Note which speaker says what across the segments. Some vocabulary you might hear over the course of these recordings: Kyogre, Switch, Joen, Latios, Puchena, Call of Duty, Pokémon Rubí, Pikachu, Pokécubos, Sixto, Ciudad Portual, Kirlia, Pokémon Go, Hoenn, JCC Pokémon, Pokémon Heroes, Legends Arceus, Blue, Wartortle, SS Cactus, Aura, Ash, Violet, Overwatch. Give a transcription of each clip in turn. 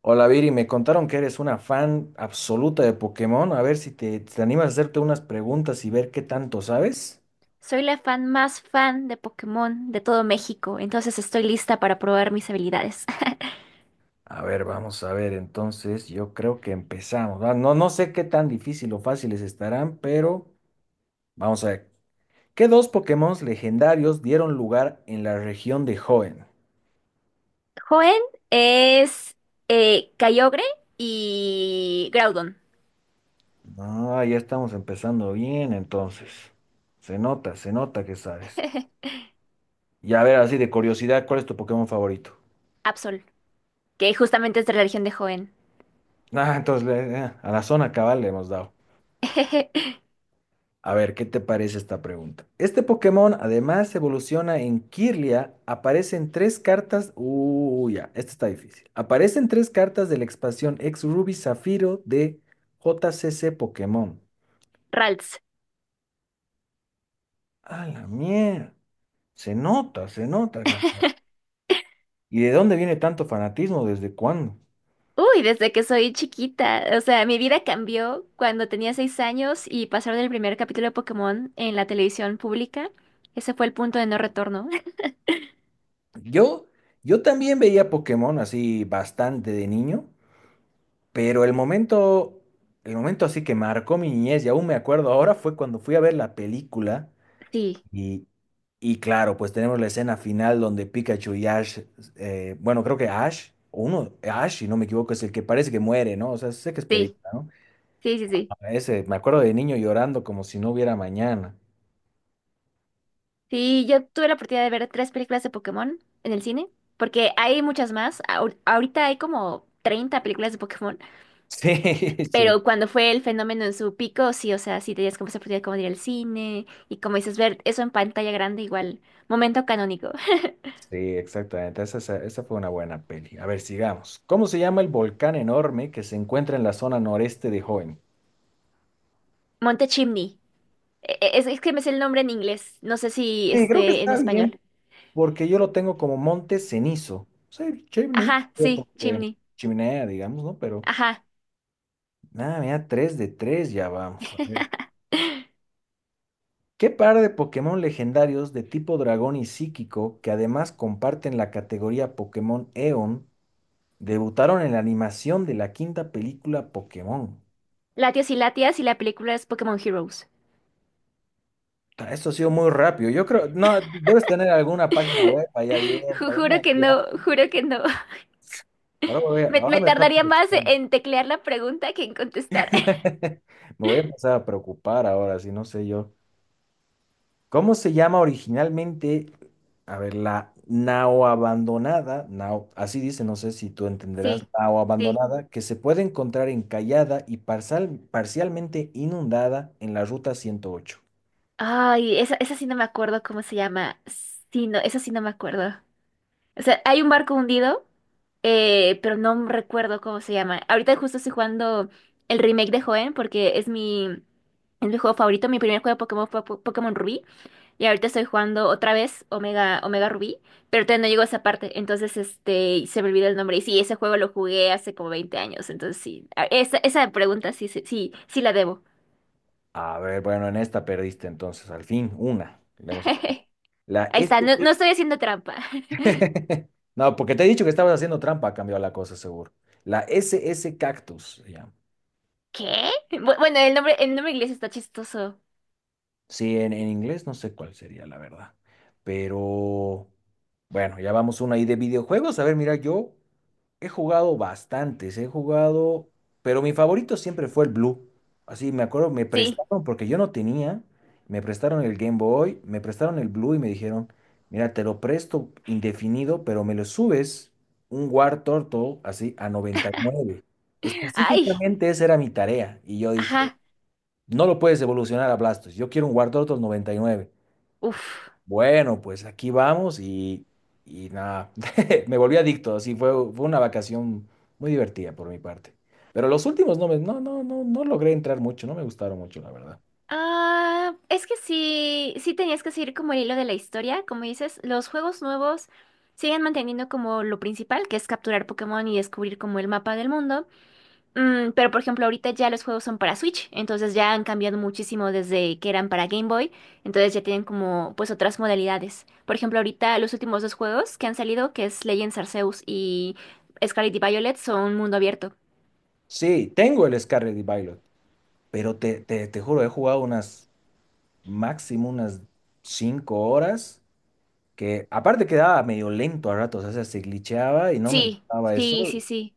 Speaker 1: Hola Viri, me contaron que eres una fan absoluta de Pokémon. A ver si te animas a hacerte unas preguntas y ver qué tanto sabes.
Speaker 2: Soy la fan más fan de Pokémon de todo México, entonces estoy lista para probar mis habilidades.
Speaker 1: A ver, vamos a ver. Entonces, yo creo que empezamos. Ah, no, no sé qué tan difícil o fáciles estarán, pero vamos a ver. ¿Qué dos Pokémon legendarios dieron lugar en la región de Hoenn?
Speaker 2: Joen es Kyogre y Groudon.
Speaker 1: Ah, ya estamos empezando bien, entonces. Se nota que sabes. Y a ver, así de curiosidad, ¿cuál es tu Pokémon favorito?
Speaker 2: Absol, que justamente es de la región de Joen.
Speaker 1: Ah, entonces a la zona cabal le hemos dado. A ver, ¿qué te parece esta pregunta? Este Pokémon además evoluciona en Kirlia. Aparecen tres cartas. Uy, ya, esta está difícil. Aparecen tres cartas de la expansión Ex Ruby Zafiro de JCC Pokémon.
Speaker 2: Ralts.
Speaker 1: A la mierda. Se nota que está- ¿Y de dónde viene tanto fanatismo? ¿Desde cuándo?
Speaker 2: Uy, desde que soy chiquita. O sea, mi vida cambió cuando tenía 6 años y pasaron el primer capítulo de Pokémon en la televisión pública. Ese fue el punto de no retorno.
Speaker 1: Yo, yo también veía Pokémon así bastante de niño. Pero el momento así que marcó mi niñez, y aún me acuerdo ahora, fue cuando fui a ver la película
Speaker 2: Sí,
Speaker 1: y, y claro, pues tenemos la escena final donde Pikachu y Ash, bueno, creo que Ash, o uno, Ash, si no me equivoco, es el que parece que muere, ¿no? O sea, sé que es
Speaker 2: sí,
Speaker 1: película, ¿no?
Speaker 2: sí, sí, sí.
Speaker 1: A ese, me acuerdo de niño llorando como si no hubiera mañana.
Speaker 2: Sí, yo tuve la oportunidad de ver 3 películas de Pokémon en el cine, porque hay muchas más. Ahorita hay como 30 películas de Pokémon,
Speaker 1: Sí, sí,
Speaker 2: pero cuando fue el fenómeno en su pico, sí, o sea, sí tenías como esa oportunidad como de ir al cine y, como dices, ver eso en pantalla grande igual, momento canónico.
Speaker 1: sí, exactamente. Esa fue una buena peli. A ver, sigamos. ¿Cómo se llama el volcán enorme que se encuentra en la zona noreste de Hoenn?
Speaker 2: Monte Chimney. Es que me sé el nombre en inglés, no sé si
Speaker 1: Sí, creo que
Speaker 2: esté en
Speaker 1: está
Speaker 2: español.
Speaker 1: bien porque yo lo tengo como monte cenizo. Sí, chimney,
Speaker 2: Ajá,
Speaker 1: o
Speaker 2: sí,
Speaker 1: como que
Speaker 2: Chimney.
Speaker 1: chimenea, digamos, ¿no? Pero,
Speaker 2: Ajá.
Speaker 1: nada, mira, 3 de 3 ya vamos. A ver. ¿Qué par de Pokémon legendarios de tipo dragón y psíquico, que además comparten la categoría Pokémon Eon, debutaron en la animación de la quinta película Pokémon?
Speaker 2: Latios y Latias, y la película es Pokémon Heroes.
Speaker 1: Ta, esto ha sido muy rápido. Yo creo, no, debes tener alguna página web ahí
Speaker 2: Ju-
Speaker 1: abierta, una
Speaker 2: juro que
Speaker 1: guía.
Speaker 2: no, juro que no.
Speaker 1: Ahora,
Speaker 2: Me,
Speaker 1: ahora
Speaker 2: me
Speaker 1: me está
Speaker 2: tardaría más
Speaker 1: preocupando.
Speaker 2: en teclear la pregunta que en contestar.
Speaker 1: Me voy a empezar a preocupar ahora, si no sé yo. ¿Cómo se llama originalmente? A ver, la nao abandonada, nao, así dice, no sé si tú entenderás,
Speaker 2: Sí,
Speaker 1: nao
Speaker 2: sí.
Speaker 1: abandonada, que se puede encontrar encallada y parcialmente inundada en la ruta 108.
Speaker 2: Ay, esa sí no me acuerdo cómo se llama. Sí, no, esa sí no me acuerdo. O sea, hay un barco hundido, pero no recuerdo cómo se llama. Ahorita justo estoy jugando el remake de Joen porque es mi juego favorito. Mi primer juego de Pokémon fue Pokémon Rubí. Y ahorita estoy jugando otra vez Omega Rubí, pero todavía no llego a esa parte, entonces se me olvidó el nombre. Y sí, ese juego lo jugué hace como 20 años, entonces sí, esa pregunta sí, sí, sí, sí la debo.
Speaker 1: A ver, bueno, en esta perdiste entonces, al fin, una. Le hemos- La
Speaker 2: Ahí
Speaker 1: S...
Speaker 2: está, no, no
Speaker 1: S.
Speaker 2: estoy haciendo trampa.
Speaker 1: No, porque te he dicho que estabas haciendo trampa, ha cambiado la cosa, seguro. La SS Cactus, se llama.
Speaker 2: ¿Qué? Bueno, el nombre inglés está chistoso.
Speaker 1: Sí, en inglés no sé cuál sería, la verdad. Pero bueno, ya vamos una ahí de videojuegos. A ver, mira, yo he jugado bastantes, he jugado, pero mi favorito siempre fue el Blue. Así me acuerdo, me
Speaker 2: Sí.
Speaker 1: prestaron porque yo no tenía, me prestaron el Game Boy, me prestaron el Blue y me dijeron, mira, te lo presto indefinido, pero me lo subes un War Turtle así a 99.
Speaker 2: Ay,
Speaker 1: Específicamente esa era mi tarea. Y yo dije,
Speaker 2: ajá.
Speaker 1: no lo puedes evolucionar a Blastos. Yo quiero un Wartortle 99.
Speaker 2: Uf.
Speaker 1: Bueno, pues aquí vamos y nada, me volví adicto. Así fue una vacación muy divertida por mi parte. Pero los últimos no logré entrar mucho, no me gustaron mucho, la verdad.
Speaker 2: Ah, es que sí, sí tenías que seguir como el hilo de la historia, como dices. Los juegos nuevos siguen manteniendo como lo principal, que es capturar Pokémon y descubrir como el mapa del mundo. Pero, por ejemplo, ahorita ya los juegos son para Switch, entonces ya han cambiado muchísimo desde que eran para Game Boy, entonces ya tienen como pues otras modalidades. Por ejemplo, ahorita los últimos 2 juegos que han salido, que es Legends Arceus y Scarlet y Violet, son mundo abierto.
Speaker 1: Sí, tengo el Scarlet y Violet, pero te juro, he jugado máximo unas 5 horas, que aparte quedaba medio lento a ratos, o sea, se glitcheaba y no me
Speaker 2: Sí,
Speaker 1: gustaba
Speaker 2: sí,
Speaker 1: eso.
Speaker 2: sí, sí.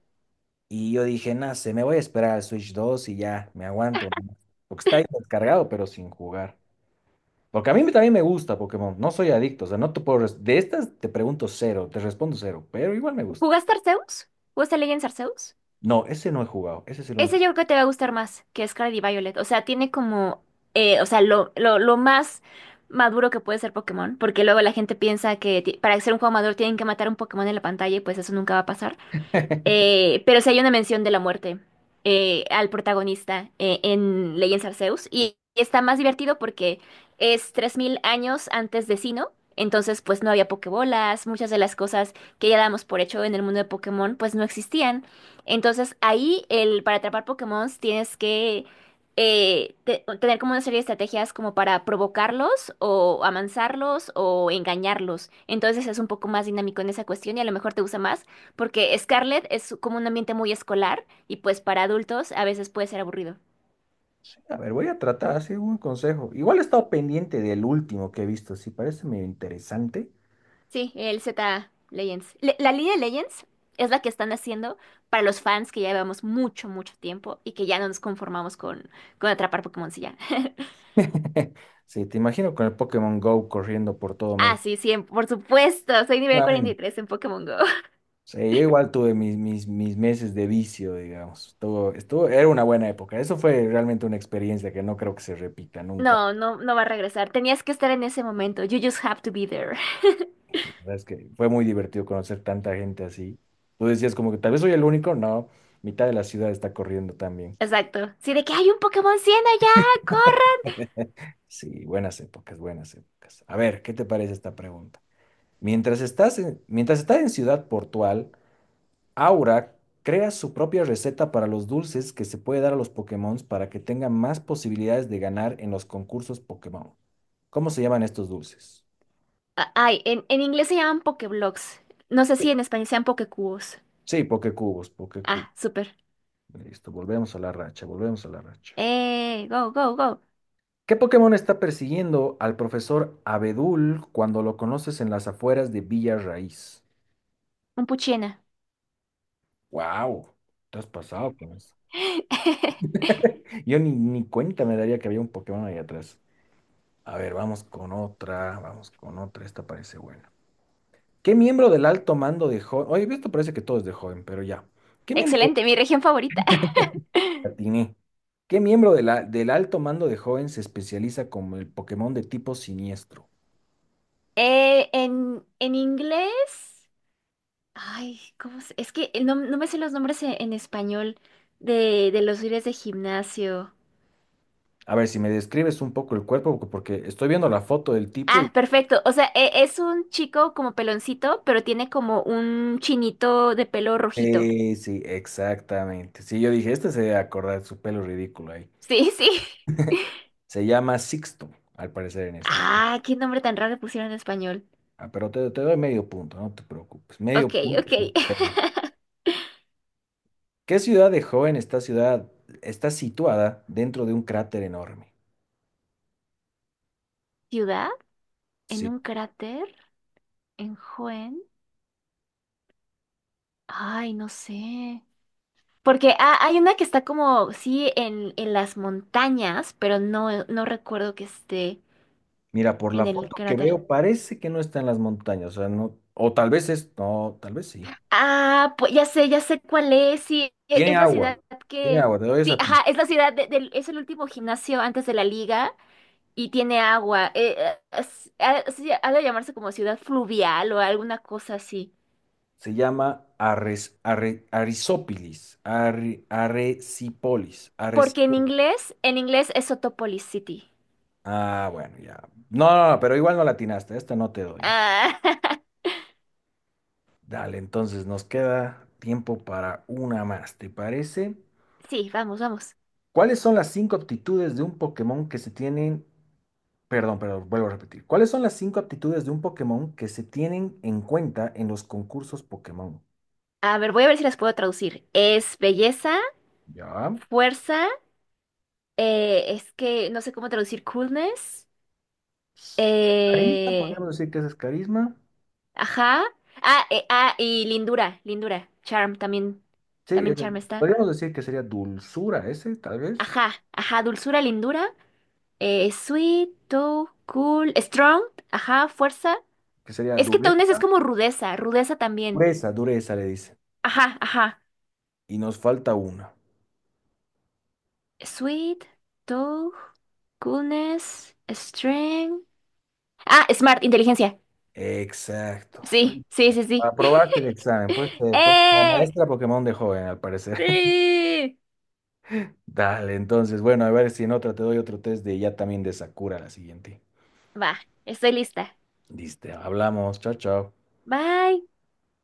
Speaker 1: Y yo dije, nada, se me voy a esperar al Switch 2 y ya, me aguanto, ¿no? Porque está ahí descargado, pero sin jugar. Porque a mí también me gusta Pokémon, no soy adicto, o sea, no te puedo... De estas te pregunto cero, te respondo cero, pero igual me gusta.
Speaker 2: ¿Jugaste Arceus? ¿Jugaste Legends Arceus?
Speaker 1: No, ese no he jugado, ese es el
Speaker 2: Ese
Speaker 1: único.
Speaker 2: yo creo que te va a gustar más que Scarlet y Violet. O sea, tiene como, o sea, lo más maduro que puede ser Pokémon, porque luego la gente piensa que para ser un juego maduro tienen que matar un Pokémon en la pantalla, y pues eso nunca va a pasar. Pero sí hay una mención de la muerte al protagonista en Legends Arceus. Y está más divertido porque es 3000 años antes de Sinnoh. Entonces, pues no había pokebolas, muchas de las cosas que ya damos por hecho en el mundo de Pokémon, pues no existían. Entonces, para atrapar Pokémon tienes que tener como una serie de estrategias como para provocarlos o amansarlos o engañarlos. Entonces es un poco más dinámico en esa cuestión, y a lo mejor te gusta más porque Scarlett es como un ambiente muy escolar y pues para adultos a veces puede ser aburrido.
Speaker 1: Sí, a ver, voy a tratar, así un consejo. Igual he estado pendiente del último que he visto, sí, parece medio interesante.
Speaker 2: Sí, el Z Legends. La línea Legends es la que están haciendo para los fans que ya llevamos mucho, mucho tiempo y que ya no nos conformamos con, atrapar Pokémon si ya.
Speaker 1: Sí, te imagino con el Pokémon Go corriendo por todo
Speaker 2: Ah,
Speaker 1: México.
Speaker 2: sí, sí, por supuesto, soy nivel 43 en Pokémon Go.
Speaker 1: Sí, yo igual tuve mis meses de vicio, digamos. Era una buena época. Eso fue realmente una experiencia que no creo que se repita nunca.
Speaker 2: No, no, no va a regresar. Tenías que estar en ese momento. You just have to be there.
Speaker 1: La verdad es que fue muy divertido conocer tanta gente así. Tú decías como que tal vez soy el único. No, mitad de la ciudad está corriendo también.
Speaker 2: Exacto. Sí, de que hay un Pokémon 100 allá, corre.
Speaker 1: Sí, buenas épocas, buenas épocas. A ver, ¿qué te parece esta pregunta? Mientras estás en Ciudad Portual, Aura crea su propia receta para los dulces que se puede dar a los Pokémon para que tengan más posibilidades de ganar en los concursos Pokémon. ¿Cómo se llaman estos dulces?
Speaker 2: Ah, ay, en inglés se llaman Pokéblocks. No sé
Speaker 1: Sí,
Speaker 2: si en español sean Pokécubos.
Speaker 1: sí, Pokécubos,
Speaker 2: Ah,
Speaker 1: Pokécubos.
Speaker 2: súper.
Speaker 1: Listo, volvemos a la racha, volvemos a la racha.
Speaker 2: Go, go, go.
Speaker 1: ¿Qué Pokémon está persiguiendo al profesor Abedul cuando lo conoces en las afueras de Villa Raíz?
Speaker 2: Un puchena.
Speaker 1: ¡Wow! Te has pasado con eso. Yo ni cuenta me daría que había un Pokémon ahí atrás. A ver, vamos con otra, esta parece buena. ¿Qué miembro del alto mando de joven? Oye, esto parece que todo es de joven, pero ya. ¿Qué miembro
Speaker 2: Excelente, mi región favorita.
Speaker 1: la atiné? ¿Qué miembro de del alto mando de joven se especializa como el Pokémon de tipo siniestro?
Speaker 2: En inglés. Ay, es que no me sé los nombres en español de los líderes de gimnasio.
Speaker 1: A ver, si me describes un poco el cuerpo, porque estoy viendo la foto del tipo
Speaker 2: Ah,
Speaker 1: y...
Speaker 2: perfecto. O sea, es un chico como peloncito, pero tiene como un chinito de pelo rojito.
Speaker 1: Sí, sí, exactamente. Sí, yo dije, este se debe acordar su pelo ridículo ahí.
Speaker 2: Sí, sí.
Speaker 1: Se llama Sixto, al parecer en español.
Speaker 2: Ah, qué nombre tan raro le pusieron en español.
Speaker 1: Ah, pero te doy medio punto, no te preocupes. Medio
Speaker 2: Ok,
Speaker 1: punto.
Speaker 2: ok.
Speaker 1: ¿Qué ciudad de joven esta ciudad está situada dentro de un cráter enorme?
Speaker 2: ¿Ciudad? ¿En
Speaker 1: Sí.
Speaker 2: un cráter? En Joen, ay, no sé. Porque hay una que está como, sí, en las montañas, pero no recuerdo que esté
Speaker 1: Mira, por
Speaker 2: en
Speaker 1: la
Speaker 2: el
Speaker 1: foto que
Speaker 2: cráter.
Speaker 1: veo, parece que no está en las montañas, o sea, no, o tal vez es, no, tal vez sí.
Speaker 2: Ah, pues ya sé cuál es. Sí, e-
Speaker 1: Tiene
Speaker 2: es la
Speaker 1: agua,
Speaker 2: ciudad
Speaker 1: tiene
Speaker 2: que.
Speaker 1: agua, te doy
Speaker 2: Sí,
Speaker 1: esa pista.
Speaker 2: ajá, es la ciudad del. Es el último gimnasio antes de la liga y tiene agua. Ha sí, ha de llamarse como ciudad fluvial o alguna cosa así.
Speaker 1: Se llama Arres, Arre- Arisópilis, Arre- Arecipolis,
Speaker 2: Porque en
Speaker 1: Arecipolis.
Speaker 2: inglés, en inglés es Sotopolis City.
Speaker 1: Ah, bueno, ya. No, no, no, pero igual no latinaste, esta no te doy.
Speaker 2: Ah,
Speaker 1: Dale, entonces nos queda tiempo para una más, ¿te parece?
Speaker 2: sí, vamos, vamos.
Speaker 1: ¿Cuáles son las cinco aptitudes de un Pokémon que se tienen, perdón, perdón, vuelvo a repetir. ¿Cuáles son las cinco aptitudes de un Pokémon que se tienen en cuenta en los concursos Pokémon?
Speaker 2: A ver, voy a ver si las puedo traducir. Es belleza,
Speaker 1: Ya.
Speaker 2: fuerza, es que no sé cómo traducir coolness.
Speaker 1: Carisma,
Speaker 2: eh,
Speaker 1: podríamos decir que ese es carisma.
Speaker 2: ajá. Ah, ah, y lindura, lindura. Charm también,
Speaker 1: Sí,
Speaker 2: también charm está.
Speaker 1: podríamos decir que sería dulzura ese, tal vez.
Speaker 2: Ajá, ajá, dulzura, lindura. Sweet, tough, cool, strong, ajá, fuerza.
Speaker 1: Que sería
Speaker 2: Es que toughness
Speaker 1: dureza.
Speaker 2: es como rudeza, rudeza también.
Speaker 1: Dureza, dureza le dice.
Speaker 2: Ajá, ajá.
Speaker 1: Y nos falta una.
Speaker 2: Sweet, tough, coolness, strength. Ah, smart, inteligencia.
Speaker 1: Exacto.
Speaker 2: Sí, sí, sí, sí.
Speaker 1: Aprobaste el examen. Pues, la
Speaker 2: ¡Eh!
Speaker 1: maestra Pokémon de joven, al parecer.
Speaker 2: ¡Sí!
Speaker 1: Dale, entonces, bueno, a ver si en otra te doy otro test de ya también de Sakura la siguiente.
Speaker 2: Va, estoy lista.
Speaker 1: Listo, hablamos, chao, chao.
Speaker 2: Bye.